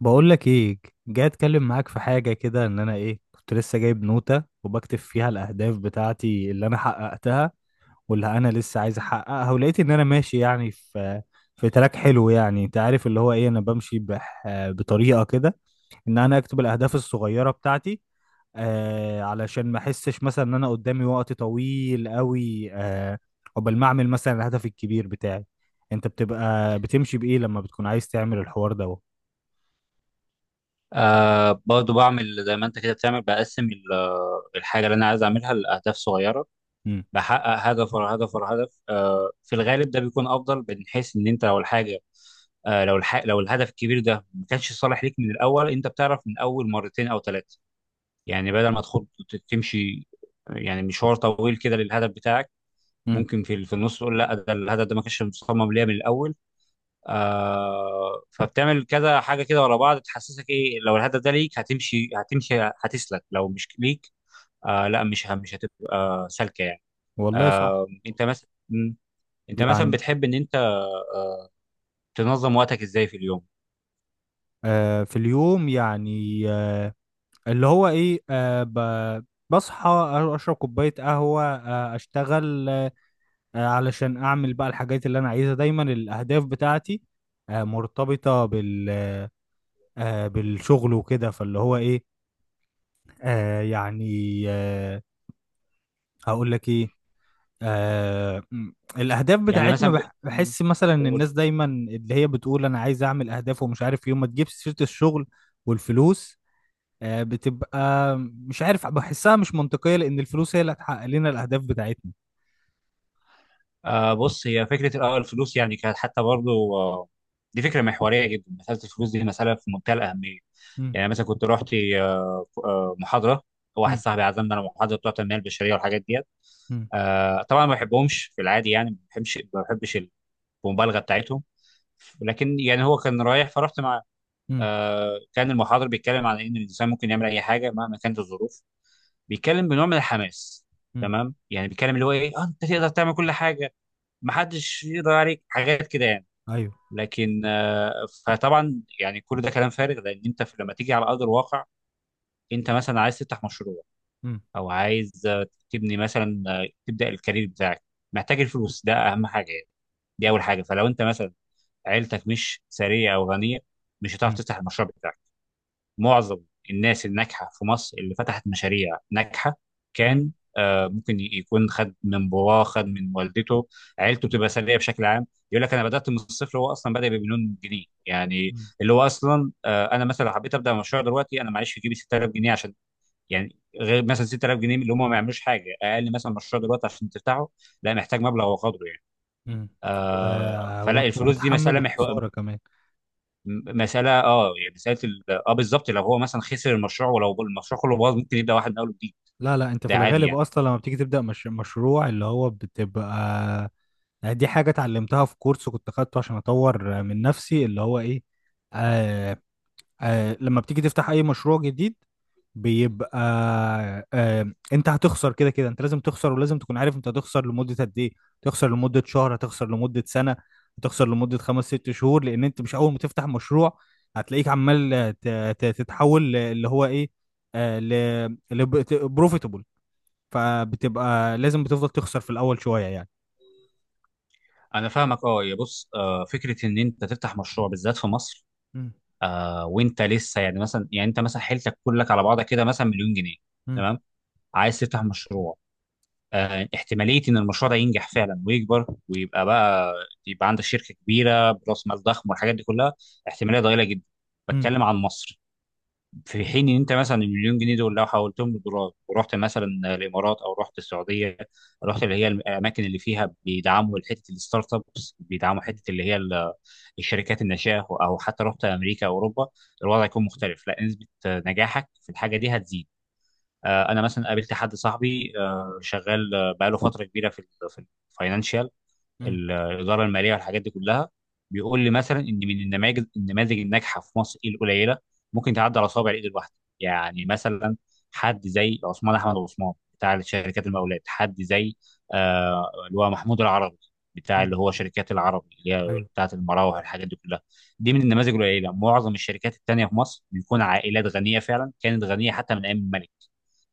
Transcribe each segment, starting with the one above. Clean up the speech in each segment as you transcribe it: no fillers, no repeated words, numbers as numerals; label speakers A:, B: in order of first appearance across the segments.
A: بقول لك ايه؟ جاي اتكلم معاك في حاجه كده، ان انا كنت لسه جايب نوته وبكتب فيها الاهداف بتاعتي اللي انا حققتها واللي انا لسه عايز احققها، ولقيت ان انا ماشي يعني في تراك حلو، يعني انت عارف اللي هو ايه، انا بمشي بطريقه كده، ان انا اكتب الاهداف الصغيره بتاعتي، علشان ما احسش مثلا ان انا قدامي وقت طويل قوي، قبل ما اعمل مثلا الهدف الكبير بتاعي. انت بتبقى بتمشي بايه لما بتكون عايز تعمل الحوار ده؟
B: برضو بعمل زي ما انت كده بتعمل، بقسم الحاجة اللي انا عايز اعملها لأهداف صغيرة. بحقق هدف ورا هدف ورا هدف، في الغالب ده بيكون افضل، من حيث ان انت لو الحاجة آه لو الح... لو الهدف الكبير ده ما كانش صالح ليك من الاول. انت بتعرف من اول مرتين او ثلاثة، يعني بدل ما تمشي يعني مشوار طويل كده للهدف بتاعك،
A: مم.
B: ممكن في النص تقول لا، ده الهدف ده ما كانش مصمم ليا من الاول. فبتعمل كذا حاجه كده ورا بعض تحسسك ايه. لو الهدف ده ليك هتمشي، هتسلك. لو مش ليك، لا، مش هتبقى سالكه يعني.
A: والله صح.
B: آه، انت مثلا مم. انت مثلا
A: يعني
B: بتحب ان انت تنظم وقتك ازاي في اليوم؟
A: في اليوم، يعني اللي هو ايه، بصحى، اشرب كوبايه قهوه، اشتغل، علشان اعمل بقى الحاجات اللي انا عايزها. دايما الاهداف بتاعتي مرتبطه بالشغل وكده، فاللي هو ايه، آه يعني آه هقول لك ايه، آه م- الاهداف
B: يعني
A: بتاعتنا،
B: مثلا ب... مم.
A: بحس مثلا ان
B: قول.
A: الناس دايما اللي هي بتقول انا عايز اعمل اهداف ومش عارف، يوم ما تجيب سيره الشغل والفلوس، بتبقى مش عارف، بحسها مش منطقية، لأن الفلوس هي اللي هتحقق لنا الأهداف بتاعتنا.
B: بص، هي فكره. الأول الفلوس يعني كانت حتى برضو، دي فكره محوريه جدا، مساله الفلوس دي مساله في منتهى الاهميه.
A: مم،
B: يعني مثلا كنت رحت محاضره، واحد
A: مم،
B: صاحبي عزمنا على محاضره بتوع التنميه البشريه والحاجات دي.
A: مم،
B: طبعا ما بحبهمش في العادي، يعني ما بحبش المبالغه بتاعتهم، لكن يعني هو كان رايح فرحت معاه.
A: مم،
B: كان المحاضر بيتكلم عن ان الانسان ممكن يعمل اي حاجه مهما كانت الظروف، بيتكلم بنوع من الحماس.
A: مم،
B: تمام، يعني بيتكلم اللي هو ايه، انت تقدر تعمل كل حاجه، ما حدش يقدر عليك، حاجات كده يعني.
A: أيوه،
B: لكن فطبعا يعني كل ده كلام فارغ، لان انت لما تيجي على ارض الواقع، انت مثلا عايز تفتح مشروع،
A: مم،
B: او عايز تبني مثلا، تبدا الكارير بتاعك، محتاج الفلوس، ده اهم حاجه يعني. دي اول حاجه. فلو انت مثلا عيلتك مش ثريه او غنيه، مش هتعرف
A: مم،
B: تفتح المشروع بتاعك. معظم الناس الناجحه في مصر اللي فتحت مشاريع ناجحه،
A: مم،
B: كان ممكن يكون خد من باباه، خد من والدته، عيلته بتبقى ثريه بشكل عام. يقول لك انا بدات من الصفر، هو اصلا بدا بمليون جنيه يعني.
A: مم،
B: اللي هو اصلا، انا مثلا لو حبيت ابدا مشروع دلوقتي، انا معيش في جيبي 6000 جنيه عشان يعني، غير مثلا 6000 جنيه اللي هم ما يعملوش حاجه. اقل مثلا مشروع دلوقتي عشان تفتحه، لا، محتاج مبلغ وقدره.
A: مم. و...
B: فلا،
A: وتكون
B: الفلوس دي
A: متحمل
B: مساله
A: الخسارة كمان.
B: مساله، يعني مساله ال... اه بالظبط. لو هو مثلا خسر المشروع، ولو المشروع كله باظ، ممكن يبدا واحد من اول وجديد.
A: لا لا، أنت في
B: ده عادي
A: الغالب
B: يعني.
A: أصلا لما بتيجي تبدأ مش... مشروع، اللي هو بتبقى يعني، دي حاجة اتعلمتها في كورس كنت خدته عشان أطور من نفسي، اللي هو إيه، آه، لما بتيجي تفتح اي مشروع جديد بيبقى انت هتخسر كده كده. انت لازم تخسر، ولازم تكون عارف انت هتخسر لمدة قد ايه. تخسر لمدة شهر، هتخسر لمدة سنة، هتخسر لمدة 5 6 شهور، لان انت مش اول ما تفتح مشروع هتلاقيك عمال تتحول اللي هو ايه، آه ل بروفيتبل. فبتبقى لازم بتفضل تخسر في الاول شوية يعني.
B: انا فاهمك اه. يا بص، فكره ان انت تفتح مشروع بالذات في مصر
A: مم،
B: وانت لسه، يعني مثلا، يعني انت مثلا حيلتك كلك على بعضها كده مثلا مليون جنيه،
A: مم،
B: تمام، عايز تفتح مشروع. احتماليه ان المشروع ده ينجح فعلا ويكبر ويبقى بقى، يبقى عندك شركه كبيره براس مال ضخم والحاجات دي كلها، احتماليه ضئيله جدا.
A: مم،
B: بتكلم عن مصر. في حين ان انت مثلا المليون جنيه دول لو حولتهم لدولار، ورحت مثلا الامارات، او رحت السعوديه، رحت اللي هي الاماكن اللي فيها بيدعموا حته الستارت ابس، بيدعموا حته اللي هي الشركات الناشئه، او حتى رحت امريكا او اوروبا، الوضع يكون مختلف. لا، نسبه نجاحك في الحاجه دي هتزيد. انا مثلا قابلت حد صاحبي، شغال بقاله فتره كبيره في في الفاينانشال،
A: مم،
B: الاداره الماليه والحاجات دي كلها. بيقول لي مثلا ان من النماذج الناجحه في مصر ايه؟ القليله، ممكن تعدي على صوابع الايد الواحده. يعني مثلا حد زي عثمان احمد عثمان بتاع شركات المقاولات، حد زي اللي هو محمود العربي، بتاع
A: مم.
B: اللي هو شركات العربي اللي هي
A: ايوه.
B: بتاعت المراوح والحاجات دي كلها. دي من النماذج القليله. معظم الشركات التانيه في مصر بيكون عائلات غنيه، فعلا كانت غنيه حتى من ايام الملك،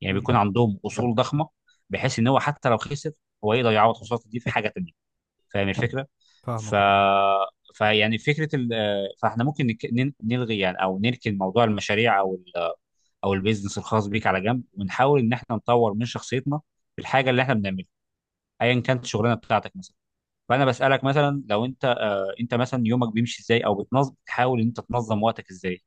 B: يعني
A: مم،
B: بيكون عندهم اصول ضخمه، بحيث ان هو حتى لو خسر، هو يقدر يعوض خسارته دي في حاجه تانيه. فاهم الفكره؟ ف
A: فاهمك اه.
B: فيعني فكره ال... آه، فاحنا ممكن نلغي يعني، او نركن موضوع المشاريع، او ال... آه، او البيزنس الخاص بيك على جنب، ونحاول ان احنا نطور من شخصيتنا في الحاجه اللي احنا بنعملها، ايا كانت الشغلانه بتاعتك مثلا. فانا بسالك مثلا، لو انت، انت مثلا يومك بيمشي ازاي، او بتنظم، بتحاول ان انت تنظم وقتك ازاي؟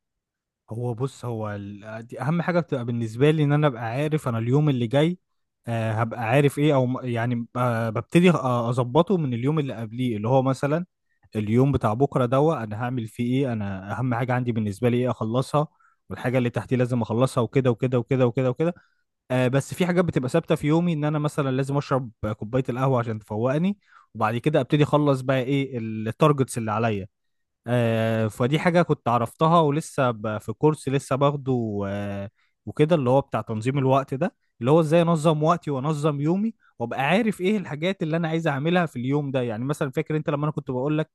A: هو بص، هو ال... آه، دي اهم حاجه، بتبقى بالنسبه لي ان انا ابقى عارف انا اليوم اللي جاي هبقى عارف ايه، او ببتدي اظبطه من اليوم اللي قبليه، اللي هو مثلا اليوم بتاع بكره دوا انا هعمل فيه ايه، انا اهم حاجه عندي بالنسبه لي ايه اخلصها، والحاجه اللي تحتي لازم اخلصها، وكده وكده وكده وكده وكده. بس في حاجات بتبقى ثابته في يومي، ان انا مثلا لازم اشرب كوبايه القهوه عشان تفوقني، وبعد كده ابتدي اخلص بقى ايه التارجتس اللي عليا. فدي حاجة كنت عرفتها ولسه في كورس لسه باخده، وكده، اللي هو بتاع تنظيم الوقت ده، اللي هو ازاي انظم وقتي وانظم يومي وابقى عارف ايه الحاجات اللي انا عايز اعملها في اليوم ده. يعني مثلا فاكر انت لما انا كنت بقول لك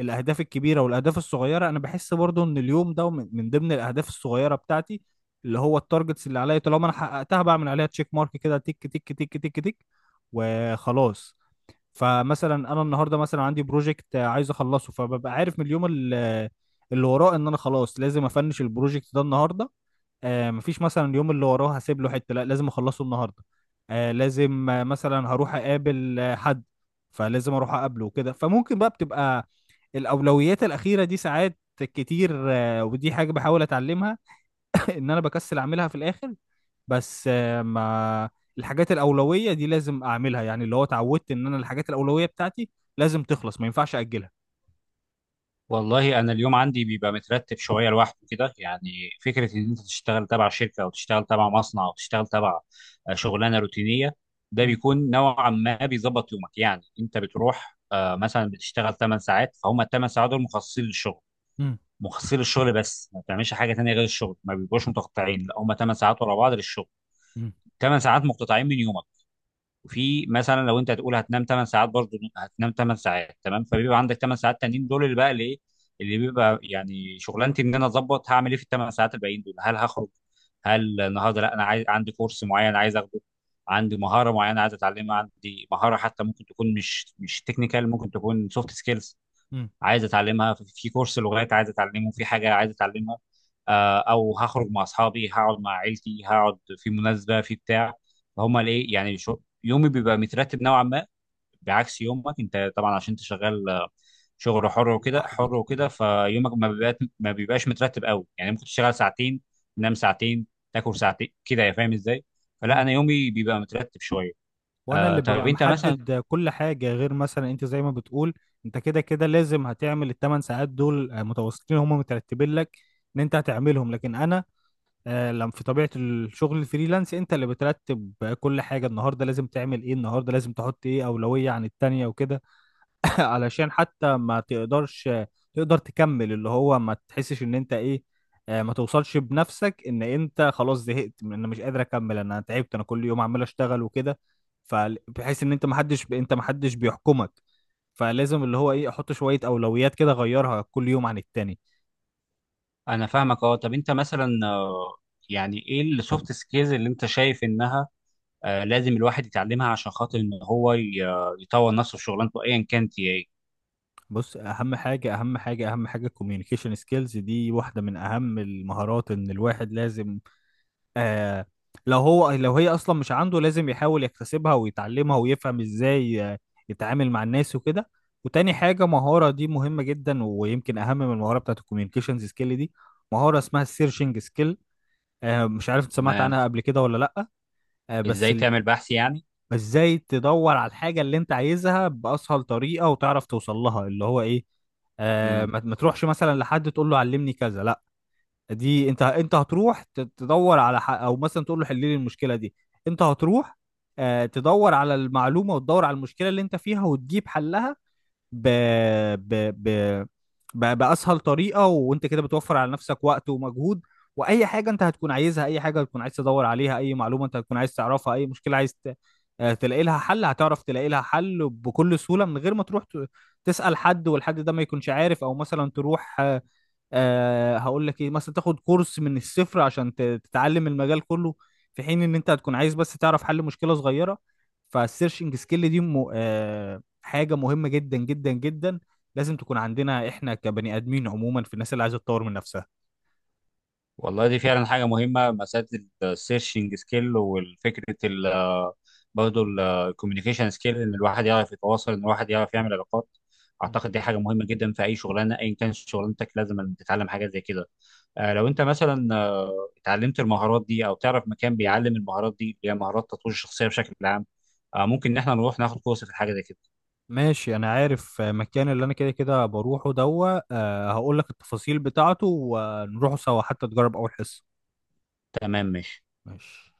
A: الاهداف الكبيرة والاهداف الصغيرة؟ انا بحس برضو ان اليوم ده من ضمن الاهداف الصغيرة بتاعتي، اللي هو التارجتس اللي عليا طالما انا حققتها بعمل عليها تشيك مارك كده، تك تك تك تك تك، وخلاص. فمثلا انا النهارده مثلا عندي بروجكت عايز اخلصه، فببقى عارف من اللي وراه ان انا خلاص لازم افنش البروجكت ده النهارده. مفيش مثلا اليوم اللي وراه هسيب له حته، لا لازم اخلصه النهارده. آه لازم آه، مثلا هروح اقابل حد، فلازم اروح اقابله وكده. فممكن بقى بتبقى الاولويات الاخيره دي ساعات كتير، ودي حاجه بحاول اتعلمها. ان انا بكسل اعملها في الاخر، بس آه، ما الحاجات الأولوية دي لازم أعملها، يعني اللي هو اتعودت إن أنا الحاجات الأولوية بتاعتي لازم تخلص، ما ينفعش أجلها.
B: والله انا اليوم عندي بيبقى مترتب شويه لوحده كده. يعني فكره ان انت تشتغل تبع شركه، او تشتغل تبع مصنع، او تشتغل تبع شغلانه روتينيه، ده
A: مم.
B: بيكون نوعا ما بيظبط يومك. يعني انت بتروح، مثلا بتشتغل 8 ساعات، فهم ال 8 ساعات دول مخصصين للشغل،
A: مم.
B: بس ما بتعملش حاجه تانيه غير الشغل. ما بيبقوش متقطعين، لا، هم 8 ساعات ورا بعض للشغل،
A: مم.
B: 8 ساعات مقتطعين من يومك. وفي مثلا لو انت هتقول هتنام 8 ساعات، برضه هتنام 8 ساعات، تمام. فبيبقى عندك 8 ساعات تانيين دول، اللي بقى الايه اللي بيبقى يعني شغلانتي، ان انا اظبط هعمل ايه في ال 8 ساعات الباقيين دول. هل هخرج؟ هل النهارده، لا، انا عايز، عندي كورس معين عايز اخده، عندي مهاره معينه عايز اتعلمها، عندي مهاره حتى ممكن تكون مش تكنيكال، ممكن تكون سوفت سكيلز
A: مم.
B: عايز اتعلمها، في كورس لغات عايز اتعلمه، في حاجه عايز اتعلمها، او هخرج مع اصحابي، هقعد مع عيلتي، هقعد في مناسبه في بتاع. فهم ليه، يعني شو يومي بيبقى مترتب نوعا ما، بعكس يومك انت طبعا. عشان انت شغال شغل حر وكده،
A: لوحدي كده أهو.
B: فيومك ما بيبقاش مترتب قوي يعني، ممكن تشتغل ساعتين، تنام ساعتين، تاكل ساعتين كده، يا فاهم ازاي؟ فلا،
A: مم.
B: انا يومي بيبقى مترتب شويه.
A: وانا
B: آه
A: اللي
B: طب
A: ببقى
B: انت مثلا
A: محدد كل حاجه، غير مثلا انت زي ما بتقول، انت كده كده لازم هتعمل الـ 8 ساعات دول متواصلين، هم مترتبين لك ان انت هتعملهم، لكن انا لما في طبيعه الشغل الفريلانس انت اللي بترتب كل حاجه. النهارده لازم تعمل ايه، النهارده لازم تحط ايه اولويه عن التانيه وكده، علشان حتى ما تقدرش تقدر تكمل، اللي هو ما تحسش ان انت ايه، ما توصلش بنفسك ان انت خلاص زهقت، من انا مش قادر اكمل، انا تعبت، انا كل يوم عمال اشتغل وكده. فبحيث ان انت، ما حدش بيحكمك، فلازم اللي هو ايه، احط شوية اولويات كده اغيرها كل يوم عن التاني.
B: انا فاهمك اه. طب انت مثلا، يعني ايه السوفت سكيلز اللي انت شايف انها لازم الواحد يتعلمها، عشان خاطر ان هو يطور نفسه في شغلانته ايا كانت هي ايه؟
A: بص، اهم حاجة اهم حاجة اهم حاجة الكوميونيكيشن سكيلز، دي واحدة من اهم المهارات ان الواحد لازم آه لو هو، لو هي اصلا مش عنده، لازم يحاول يكتسبها ويتعلمها ويفهم ازاي يتعامل مع الناس وكده. وتاني حاجة، مهارة دي مهمة جدا، ويمكن اهم من المهارة بتاعت الكوميونيكيشنز سكيل دي، مهارة اسمها السيرشنج سكيل. مش عارف انت سمعت
B: تمام،
A: عنها قبل كده ولا لا؟ آه بس
B: ازاي
A: ال...
B: تعمل بحث يعني؟
A: بس ازاي تدور على الحاجة اللي انت عايزها باسهل طريقة، وتعرف توصل لها، اللي هو ايه، آه
B: امم.
A: ما ما تروحش مثلا لحد تقول له علمني كذا، لا، دي انت، تدور على او مثلا تقول له حل لي المشكله دي، انت هتروح تدور على المعلومه، وتدور على المشكله اللي انت فيها وتجيب حلها ب... ب... ب... بأسهل طريقة. وانت كده بتوفر على نفسك وقت ومجهود، واي حاجة انت هتكون عايزها، اي حاجة هتكون عايز تدور عليها، اي معلومة انت هتكون عايز تعرفها، اي مشكلة عايز ت... آه، تلاقي لها حل، هتعرف تلاقي لها حل بكل سهولة، من غير ما تروح تسأل حد والحد ده ما يكونش عارف، او مثلا تروح هقول لك ايه، مثلا تاخد كورس من الصفر عشان تتعلم المجال كله، في حين ان انت هتكون عايز بس تعرف حل مشكلة صغيرة. فالسيرشنج سكيل دي حاجه مهمه جدا جدا جدا، لازم تكون عندنا احنا كبني ادمين عموما، في الناس اللي عايزه تطور من نفسها.
B: والله دي فعلا حاجه مهمه، مساله السيرشنج سكيل، والفكره ال آه، برضه الكوميونيكيشن سكيل، ان الواحد يعرف يتواصل، ان الواحد يعرف يعمل علاقات.
A: مم.
B: اعتقد دي حاجه مهمه جدا في اي شغلانه، ايا كانت شغلانتك لازم تتعلم حاجه زي كده. لو انت مثلا اتعلمت المهارات دي، او تعرف مكان بيعلم المهارات دي اللي هي مهارات تطوير الشخصيه بشكل عام، ممكن ان احنا نروح ناخد كورس في الحاجه زي كده.
A: ماشي، انا عارف مكان اللي انا كده كده بروحه دوا، هقول لك التفاصيل بتاعته ونروحوا سوا حتى تجرب اول حصه.
B: تمام، ماشي.
A: ماشي.